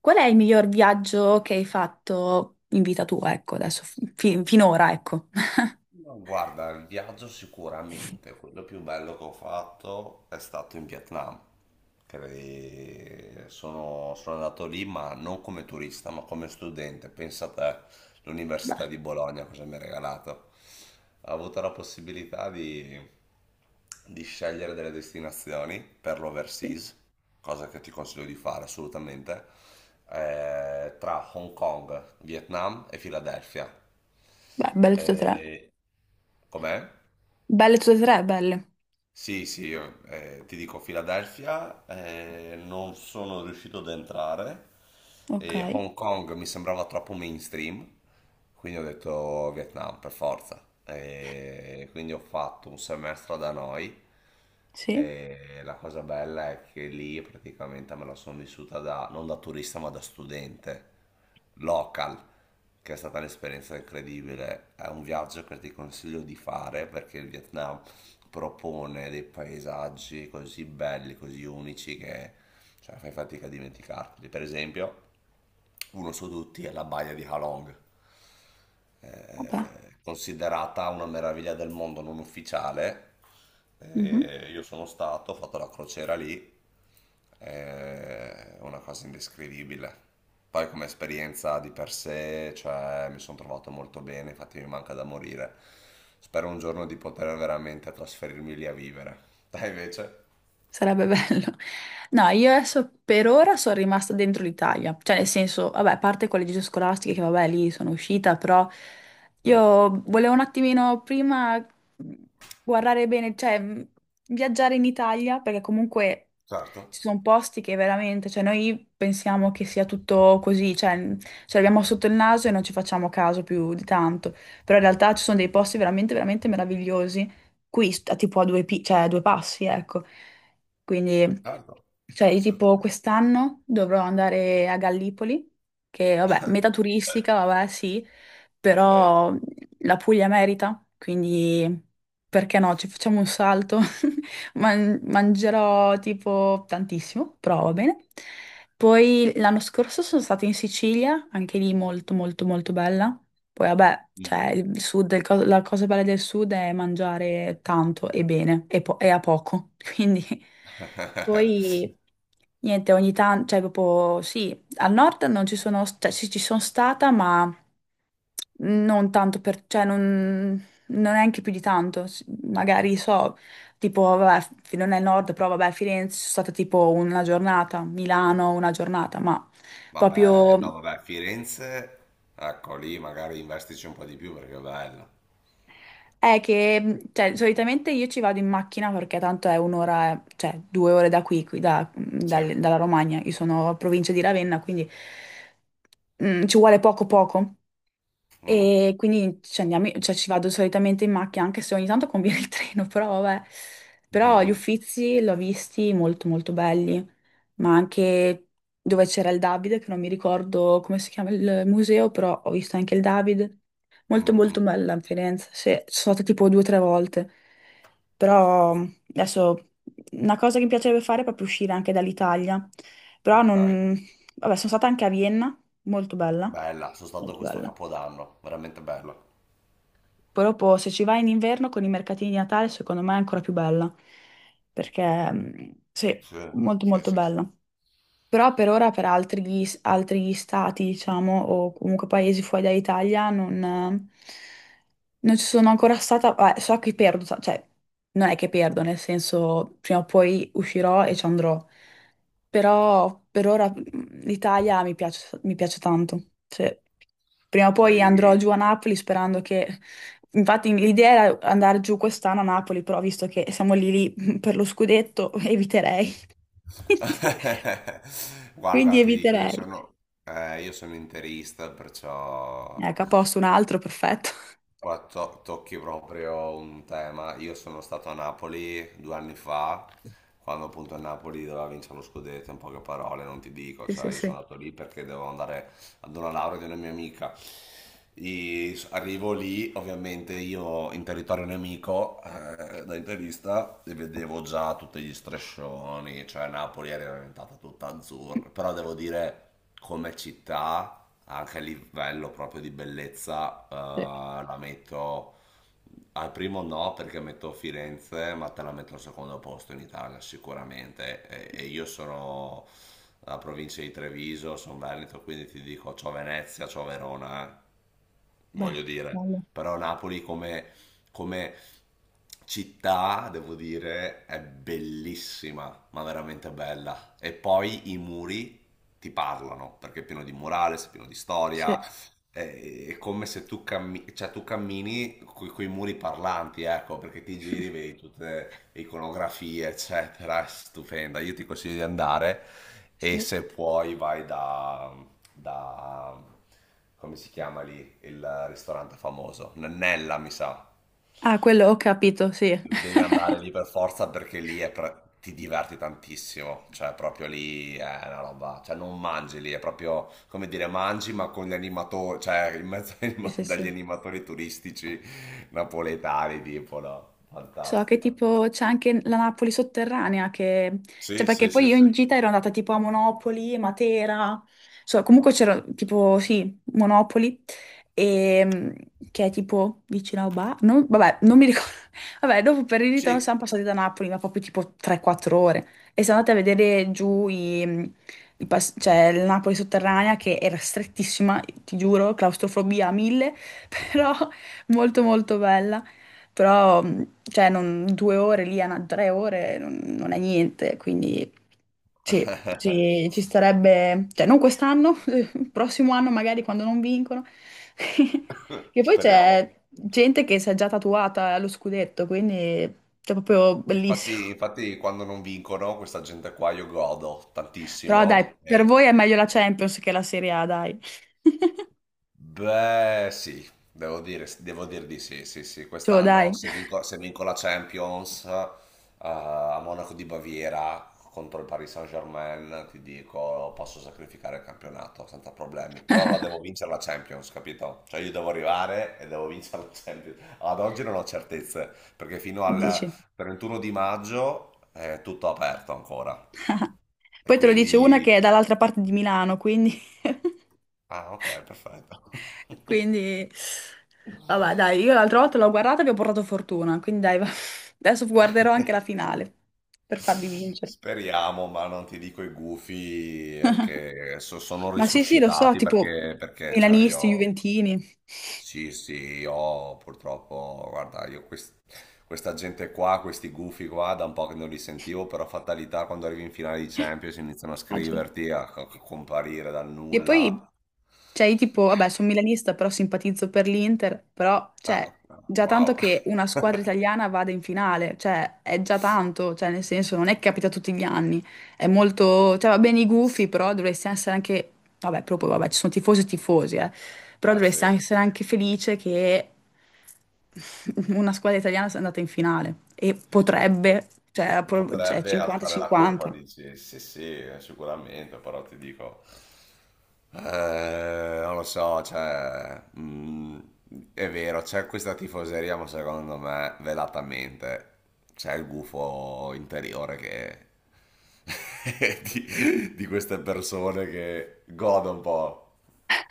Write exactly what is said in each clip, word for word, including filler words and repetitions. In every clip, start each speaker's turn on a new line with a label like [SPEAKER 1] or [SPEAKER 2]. [SPEAKER 1] Qual è il miglior viaggio che hai fatto in vita tua, ecco, adesso, fi- finora, ecco.
[SPEAKER 2] No, guarda, il viaggio sicuramente, quello più bello che ho fatto è stato in Vietnam. Cre- Sono, sono andato lì, ma non come turista, ma come studente. Pensa a te, l'Università
[SPEAKER 1] Beh,
[SPEAKER 2] di Bologna cosa mi ha regalato. Ho avuto la possibilità di, di scegliere delle destinazioni per
[SPEAKER 1] sì.
[SPEAKER 2] l'overseas, cosa che ti consiglio di fare assolutamente, eh, tra Hong Kong, Vietnam e Filadelfia.
[SPEAKER 1] Beh, belle tutte e tre.
[SPEAKER 2] Eh, com'è?
[SPEAKER 1] Belle tutte e tre, belle.
[SPEAKER 2] Sì, sì, io, eh, ti dico Philadelphia, eh, non sono riuscito ad entrare,
[SPEAKER 1] Ok,
[SPEAKER 2] e Hong Kong mi sembrava troppo mainstream, quindi ho detto Vietnam per forza. E quindi ho fatto un semestre da noi,
[SPEAKER 1] sì,
[SPEAKER 2] e la cosa bella è che lì praticamente me la sono vissuta da, non da turista ma da studente, local, che è stata un'esperienza incredibile. È un viaggio che ti consiglio di fare perché il Vietnam propone dei paesaggi così belli, così unici che, cioè, fai fatica a dimenticarli. Per esempio, uno su tutti è la baia di Halong, eh,
[SPEAKER 1] vabbè.
[SPEAKER 2] considerata una meraviglia del mondo non ufficiale.
[SPEAKER 1] Mhm.
[SPEAKER 2] Eh, io sono stato, ho fatto la crociera lì, è una cosa indescrivibile. Poi come esperienza di per sé, cioè, mi sono trovato molto bene, infatti mi manca da morire. Spero un giorno di poter veramente trasferirmi lì a vivere. Dai invece?
[SPEAKER 1] Sarebbe bello. No, io adesso per ora sono rimasta dentro l'Italia, cioè nel senso, vabbè, a parte con le gite scolastiche che vabbè lì sono uscita, però
[SPEAKER 2] Mm,
[SPEAKER 1] io volevo un attimino prima guardare bene, cioè mh, viaggiare in Italia, perché comunque
[SPEAKER 2] certo,
[SPEAKER 1] ci sono posti che veramente, cioè noi pensiamo che sia tutto così, cioè mh, ce l'abbiamo sotto il naso e non ci facciamo caso più di tanto, però in realtà ci sono dei posti veramente, veramente meravigliosi, qui st- tipo a due, pi- cioè, a due passi, ecco. Quindi,
[SPEAKER 2] certo,
[SPEAKER 1] cioè, io tipo
[SPEAKER 2] assolutamente.
[SPEAKER 1] quest'anno dovrò andare a Gallipoli, che vabbè, meta turistica, vabbè, sì,
[SPEAKER 2] Ok.
[SPEAKER 1] però la Puglia merita, quindi perché no, ci facciamo un salto. Man- mangerò tipo tantissimo, però va bene. Poi l'anno scorso sono stata in Sicilia, anche lì molto molto molto bella. Poi vabbè,
[SPEAKER 2] Mm.
[SPEAKER 1] cioè il sud, il co- la cosa bella del sud è mangiare tanto e bene e, po- e a poco. Quindi poi niente, ogni tanto, cioè proprio sì, al nord non ci sono, cioè sì, ci sono stata, ma non tanto per, cioè non, non neanche più di tanto. S- Magari so, tipo, vabbè, f- non è il nord, però vabbè, a Firenze sono stata tipo una giornata, Milano una giornata, ma
[SPEAKER 2] Vabbè,
[SPEAKER 1] proprio.
[SPEAKER 2] no, vabbè, Firenze, ecco lì magari investici un po' di più perché è bella.
[SPEAKER 1] È che, cioè, solitamente io ci vado in macchina perché tanto è un'ora, cioè due ore da qui, qui da-
[SPEAKER 2] Sì.
[SPEAKER 1] dal- dalla Romagna. Io sono a provincia di Ravenna, quindi mm, ci vuole poco poco.
[SPEAKER 2] Mm.
[SPEAKER 1] E quindi ci andiamo, cioè ci vado solitamente in macchina, anche se ogni tanto conviene il treno, però vabbè. Però gli
[SPEAKER 2] Mhm.
[SPEAKER 1] Uffizi l'ho visti molto molto belli, ma anche dove c'era il Davide, che non mi ricordo come si chiama il museo, però ho visto anche il Davide. Molto molto
[SPEAKER 2] Mhm.
[SPEAKER 1] bella a Firenze, sì, ci sono stata tipo due o tre volte. Però adesso una cosa che mi piacerebbe fare è proprio uscire anche dall'Italia. Però
[SPEAKER 2] Ok,
[SPEAKER 1] non... Vabbè, sono stata anche a Vienna, molto bella,
[SPEAKER 2] bella, sono stato
[SPEAKER 1] molto
[SPEAKER 2] questo
[SPEAKER 1] bella.
[SPEAKER 2] Capodanno, veramente bello.
[SPEAKER 1] Proprio se ci vai in inverno con i mercatini di Natale, secondo me è ancora più bella. Perché mm, sì,
[SPEAKER 2] Sì,
[SPEAKER 1] molto
[SPEAKER 2] sì,
[SPEAKER 1] molto
[SPEAKER 2] sì, sì.
[SPEAKER 1] bella. Però per ora per altri, altri stati, diciamo, o comunque paesi fuori dall'Italia, non, non ci sono ancora stata. Beh, so che perdo, sa- cioè, non è che perdo, nel senso, prima o poi uscirò e ci andrò. Però per ora mm, l'Italia mi piace, mi piace tanto. Cioè, prima o poi andrò
[SPEAKER 2] Sei...
[SPEAKER 1] giù a Napoli sperando che... Infatti l'idea era andare giù quest'anno a Napoli, però visto che siamo lì lì per lo scudetto, eviterei. Quindi,
[SPEAKER 2] Guarda,
[SPEAKER 1] quindi
[SPEAKER 2] ti dico, io
[SPEAKER 1] eviterei.
[SPEAKER 2] sono, eh, io sono interista, perciò
[SPEAKER 1] Ecco, a posto un altro, perfetto.
[SPEAKER 2] guarda, to- tocchi proprio un tema. Io sono stato a Napoli due anni fa, quando appunto il Napoli doveva vincere lo scudetto, in poche parole, non ti dico,
[SPEAKER 1] Sì, sì,
[SPEAKER 2] cioè io
[SPEAKER 1] sì.
[SPEAKER 2] sono andato lì perché dovevo andare ad una laurea di una mia amica. I- arrivo lì, ovviamente io in territorio nemico, eh, da interista, e vedevo già tutti gli striscioni, cioè Napoli era diventata tutta azzurra, però devo dire come città, anche a livello proprio di bellezza, eh,
[SPEAKER 1] Sì,
[SPEAKER 2] la metto al primo no perché metto Firenze, ma te la metto al secondo posto in Italia sicuramente. E, e io sono la provincia di Treviso, sono Veneto, quindi ti dico c'ho Venezia, c'ho Verona. Eh,
[SPEAKER 1] beh,
[SPEAKER 2] voglio dire,
[SPEAKER 1] bello.
[SPEAKER 2] però Napoli come, come città, devo dire, è bellissima, ma veramente bella. E poi i muri ti parlano, perché è pieno di murales, è pieno di storia,
[SPEAKER 1] Sì,
[SPEAKER 2] eh, è come se tu, cammi- cioè, tu cammini con i muri parlanti, ecco, perché ti giri, vedi tutte le iconografie, eccetera, è stupenda. Io ti consiglio di andare, e
[SPEAKER 1] sì.
[SPEAKER 2] se puoi vai da, da come si chiama lì, il ristorante famoso, Nannella, mi sa.
[SPEAKER 1] Ah, quello ho capito, sì.
[SPEAKER 2] Devi andare lì per forza perché lì è pre- ti diverti tantissimo, cioè proprio lì è una roba, cioè non mangi lì, è proprio come dire mangi ma con gli animatori, cioè in mezzo agli
[SPEAKER 1] Sì,
[SPEAKER 2] anima-
[SPEAKER 1] sì,
[SPEAKER 2] dagli
[SPEAKER 1] sì.
[SPEAKER 2] animatori turistici napoletani tipo, no?
[SPEAKER 1] So che
[SPEAKER 2] Fantastico.
[SPEAKER 1] tipo c'è anche la Napoli sotterranea che... Cioè
[SPEAKER 2] Sì,
[SPEAKER 1] perché
[SPEAKER 2] sì,
[SPEAKER 1] poi
[SPEAKER 2] sì,
[SPEAKER 1] io
[SPEAKER 2] sì.
[SPEAKER 1] in gita ero andata tipo a Monopoli, Matera, so, comunque c'era tipo sì, Monopoli, e, mm, che è tipo vicino a Oba. Non, vabbè, non mi ricordo. Vabbè, dopo per il ritorno
[SPEAKER 2] Sì.
[SPEAKER 1] siamo passati da Napoli, ma proprio tipo tre quattro ore. E siamo andate a vedere giù i, i pas- cioè, la Napoli sotterranea che era strettissima, ti giuro, claustrofobia a mille, però molto molto bella. Però cioè, non, due ore lì, a na- tre ore, non, non è niente, quindi sì, ci, ci starebbe, cioè non quest'anno, il prossimo anno magari quando non vincono. Che poi c'è
[SPEAKER 2] Speriamo.
[SPEAKER 1] gente che si è già tatuata allo scudetto, quindi è proprio bellissimo.
[SPEAKER 2] Infatti, infatti quando non vincono questa gente qua io godo
[SPEAKER 1] Però dai,
[SPEAKER 2] tantissimo.
[SPEAKER 1] per
[SPEAKER 2] e-
[SPEAKER 1] voi è meglio la Champions che la Serie A, dai.
[SPEAKER 2] Beh, sì, devo dire, devo dir di sì, sì, sì.
[SPEAKER 1] Cioè,
[SPEAKER 2] Quest'anno
[SPEAKER 1] dai,
[SPEAKER 2] se vinco, se vinco la Champions, eh, a Monaco di Baviera contro il Paris Saint-Germain, ti dico, posso sacrificare il campionato senza problemi. Però la devo vincere la Champions, capito? Cioè io devo arrivare e devo vincere la Champions. Ad oggi non ho certezze, perché fino al
[SPEAKER 1] dici.
[SPEAKER 2] trentuno di maggio è tutto aperto ancora. E
[SPEAKER 1] Poi te lo dice una
[SPEAKER 2] quindi...
[SPEAKER 1] che è dall'altra parte di Milano, quindi...
[SPEAKER 2] Ah, ok, perfetto.
[SPEAKER 1] Quindi, vabbè, dai, io l'altra volta l'ho guardata e vi ho portato fortuna, quindi dai, va- adesso guarderò anche la finale per farvi vincere.
[SPEAKER 2] Speriamo, ma non ti dico i gufi eh, che so- sono
[SPEAKER 1] Ma sì, sì, lo so,
[SPEAKER 2] risuscitati
[SPEAKER 1] tipo
[SPEAKER 2] perché, perché cioè
[SPEAKER 1] milanisti,
[SPEAKER 2] io,
[SPEAKER 1] juventini.
[SPEAKER 2] sì, sì, io purtroppo, guarda, io quest- questa gente qua, questi gufi qua, da un po' che non li sentivo, però fatalità quando arrivi in finale di Champions iniziano a
[SPEAKER 1] Facile.
[SPEAKER 2] scriverti, a, a comparire dal
[SPEAKER 1] E
[SPEAKER 2] nulla.
[SPEAKER 1] poi, cioè, io tipo, vabbè, sono milanista, però simpatizzo per l'Inter, però,
[SPEAKER 2] Ah,
[SPEAKER 1] cioè, già tanto
[SPEAKER 2] wow.
[SPEAKER 1] che una squadra italiana vada in finale, cioè, è già tanto, cioè, nel senso, non è che capita tutti gli anni, è molto, cioè, va bene i gufi, però dovresti essere anche, vabbè, proprio, vabbè, ci sono tifosi e tifosi, eh, però
[SPEAKER 2] Eh
[SPEAKER 1] dovresti
[SPEAKER 2] sì.
[SPEAKER 1] essere anche felice che una squadra italiana sia andata in finale e potrebbe, cioè, pro- cioè,
[SPEAKER 2] Potrebbe alzare la coppa,
[SPEAKER 1] cinquanta cinquanta.
[SPEAKER 2] dici? Sì, sì, sicuramente, però ti dico, eh, non lo so, cioè, mm, è vero, c'è questa tifoseria, ma secondo me, velatamente, c'è il gufo interiore che... di, di queste persone che godono un po'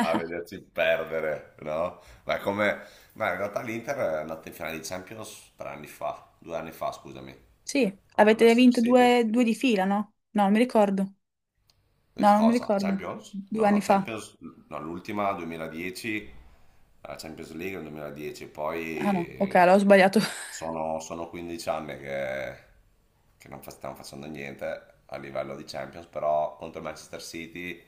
[SPEAKER 2] a vederci perdere, no? Ma è come... Ma in realtà l'Inter è andata in finale di Champions tre anni fa, due anni fa, scusami.
[SPEAKER 1] Sì,
[SPEAKER 2] Contro
[SPEAKER 1] avete
[SPEAKER 2] Manchester
[SPEAKER 1] vinto
[SPEAKER 2] City.
[SPEAKER 1] due, due di fila, no? No, non mi ricordo. No,
[SPEAKER 2] Eh,
[SPEAKER 1] non mi
[SPEAKER 2] Cosa?
[SPEAKER 1] ricordo.
[SPEAKER 2] Champions?
[SPEAKER 1] Due
[SPEAKER 2] No, no,
[SPEAKER 1] anni fa.
[SPEAKER 2] Champions, no, l'ultima duemiladieci, la Champions League nel duemiladieci,
[SPEAKER 1] Ah no, ok,
[SPEAKER 2] poi
[SPEAKER 1] l'ho sbagliato.
[SPEAKER 2] sono, sono quindici anni che, che non fa- stiamo facendo niente a livello di Champions, però contro Manchester City,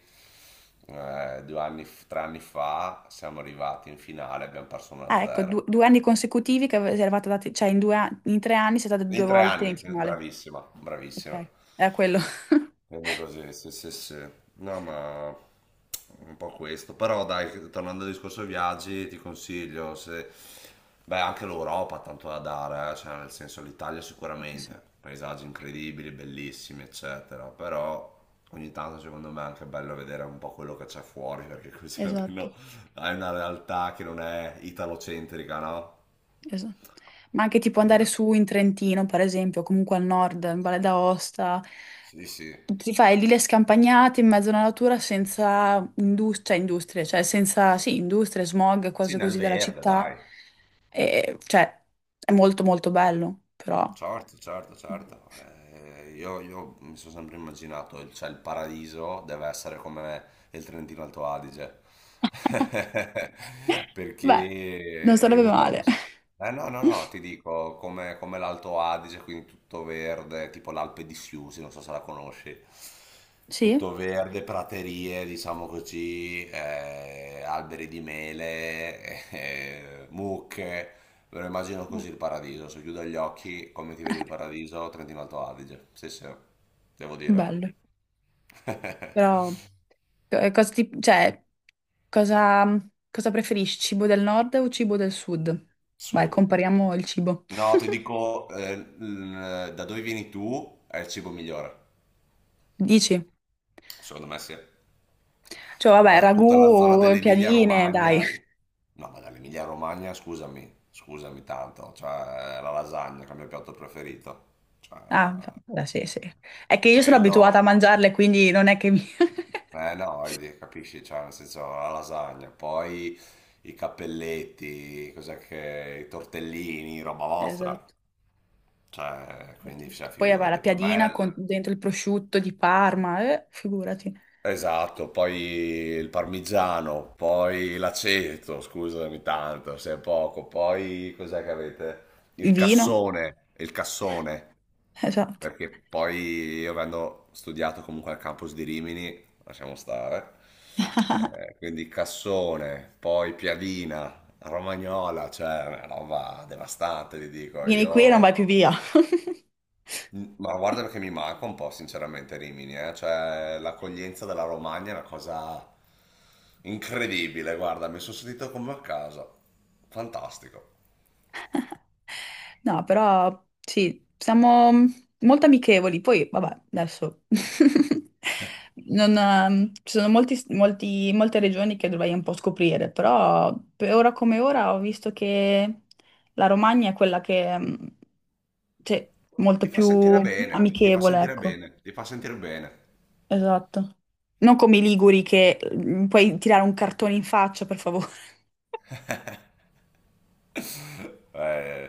[SPEAKER 2] eh, due anni, f- tre anni fa siamo arrivati in finale, abbiamo perso
[SPEAKER 1] Ah, ecco,
[SPEAKER 2] uno a zero.
[SPEAKER 1] due, due anni consecutivi che ave- eravate andati, cioè in, due an- in tre anni siete andati due
[SPEAKER 2] In tre
[SPEAKER 1] volte in
[SPEAKER 2] anni, eh,
[SPEAKER 1] finale.
[SPEAKER 2] bravissima, bravissima.
[SPEAKER 1] Ok, era quello.
[SPEAKER 2] Quindi così, sì, sì, sì, sì. No, ma un po' questo. Però dai, tornando al discorso viaggi, ti consiglio se... Beh, anche l'Europa ha tanto da dare, eh, cioè, nel senso l'Italia
[SPEAKER 1] Sì,
[SPEAKER 2] sicuramente,
[SPEAKER 1] sì,
[SPEAKER 2] paesaggi incredibili, bellissimi, eccetera. Però ogni tanto secondo me è anche bello vedere un po' quello che c'è fuori, perché così almeno
[SPEAKER 1] esatto.
[SPEAKER 2] hai una realtà che non è italocentrica, no?
[SPEAKER 1] Esatto. Ma anche tipo andare
[SPEAKER 2] Capito?
[SPEAKER 1] su in Trentino, per esempio, comunque al nord, in Valle d'Aosta,
[SPEAKER 2] Sì, sì.
[SPEAKER 1] ti fai lì le scampagnate in mezzo alla natura senza indus- cioè, industrie, cioè senza, sì, industrie, smog,
[SPEAKER 2] Sì,
[SPEAKER 1] cose
[SPEAKER 2] nel
[SPEAKER 1] così della
[SPEAKER 2] verde,
[SPEAKER 1] città.
[SPEAKER 2] dai.
[SPEAKER 1] E, cioè, è molto molto bello, però...
[SPEAKER 2] Certo, certo, certo. Eh, io, io mi sono sempre immaginato, il- cioè il paradiso deve essere come il Trentino Alto Adige. Perché
[SPEAKER 1] Beh, non
[SPEAKER 2] io
[SPEAKER 1] sarebbe
[SPEAKER 2] ho avuto la
[SPEAKER 1] male.
[SPEAKER 2] possibilità... Eh no, no, no, ti dico, come, come l'Alto Adige, quindi tutto verde, tipo l'Alpe di Siusi, non so se la conosci.
[SPEAKER 1] Sì?
[SPEAKER 2] Tutto verde, praterie, diciamo così, eh, alberi di mele, eh, mucche. Me lo immagino
[SPEAKER 1] Beh,
[SPEAKER 2] così il paradiso, se chiudo gli occhi, come ti vedi il paradiso? Trentino Alto Adige. Sì, sì, devo dire.
[SPEAKER 1] bello. Però... Eh, cosa ti- cioè, cosa, cosa preferisci, cibo del nord o cibo del sud? Vai,
[SPEAKER 2] Sud.
[SPEAKER 1] compariamo il cibo.
[SPEAKER 2] No, ti dico, eh, l- da dove vieni tu è il cibo migliore.
[SPEAKER 1] Dici?
[SPEAKER 2] Secondo me sì.
[SPEAKER 1] Cioè, vabbè,
[SPEAKER 2] Eh, tutta la zona
[SPEAKER 1] ragù, piadine, dai.
[SPEAKER 2] dell'Emilia-Romagna. No, ma dall'Emilia-Romagna, scusami, scusami tanto. Cioè, la lasagna che è il mio piatto preferito. Cioè,
[SPEAKER 1] Ah, fa- sì, sì. È che io sono abituata a
[SPEAKER 2] quello...
[SPEAKER 1] mangiarle, quindi non è che mi...
[SPEAKER 2] Eh no, vedi, capisci, cioè nel senso la lasagna, poi i cappelletti, cos'è che, i tortellini, roba vostra,
[SPEAKER 1] Esatto.
[SPEAKER 2] cioè quindi cioè,
[SPEAKER 1] Poi vabbè, la
[SPEAKER 2] figurati, per
[SPEAKER 1] piadina
[SPEAKER 2] me
[SPEAKER 1] con dentro il prosciutto di Parma, eh, figurati.
[SPEAKER 2] esatto, poi il parmigiano, poi l'aceto, scusami tanto, se è poco, poi cos'è che avete?
[SPEAKER 1] Il
[SPEAKER 2] Il
[SPEAKER 1] vino,
[SPEAKER 2] cassone, il cassone.
[SPEAKER 1] esatto.
[SPEAKER 2] Perché poi io avendo studiato comunque al campus di Rimini, lasciamo stare, eh, quindi cassone, poi piadina, romagnola, cioè una roba devastante, ti dico,
[SPEAKER 1] Vieni qui e non vai
[SPEAKER 2] io...
[SPEAKER 1] più via.
[SPEAKER 2] Ma guarda che mi manca un po' sinceramente Rimini, eh, cioè l'accoglienza della Romagna è una cosa incredibile, guarda, mi sono sentito come a casa, fantastico.
[SPEAKER 1] No, però sì, siamo molto amichevoli. Poi, vabbè, adesso non, ehm, ci sono molti, molti- molte regioni che dovrei un po' scoprire, però per ora come ora ho visto che la Romagna è quella che ehm, cioè,
[SPEAKER 2] Ti
[SPEAKER 1] molto
[SPEAKER 2] fa
[SPEAKER 1] più
[SPEAKER 2] sentire bene, ti fa
[SPEAKER 1] amichevole,
[SPEAKER 2] sentire
[SPEAKER 1] ecco.
[SPEAKER 2] bene, ti fa sentire bene.
[SPEAKER 1] Esatto. Non come i Liguri che mm, puoi tirare un cartone in faccia, per favore.
[SPEAKER 2] Eh...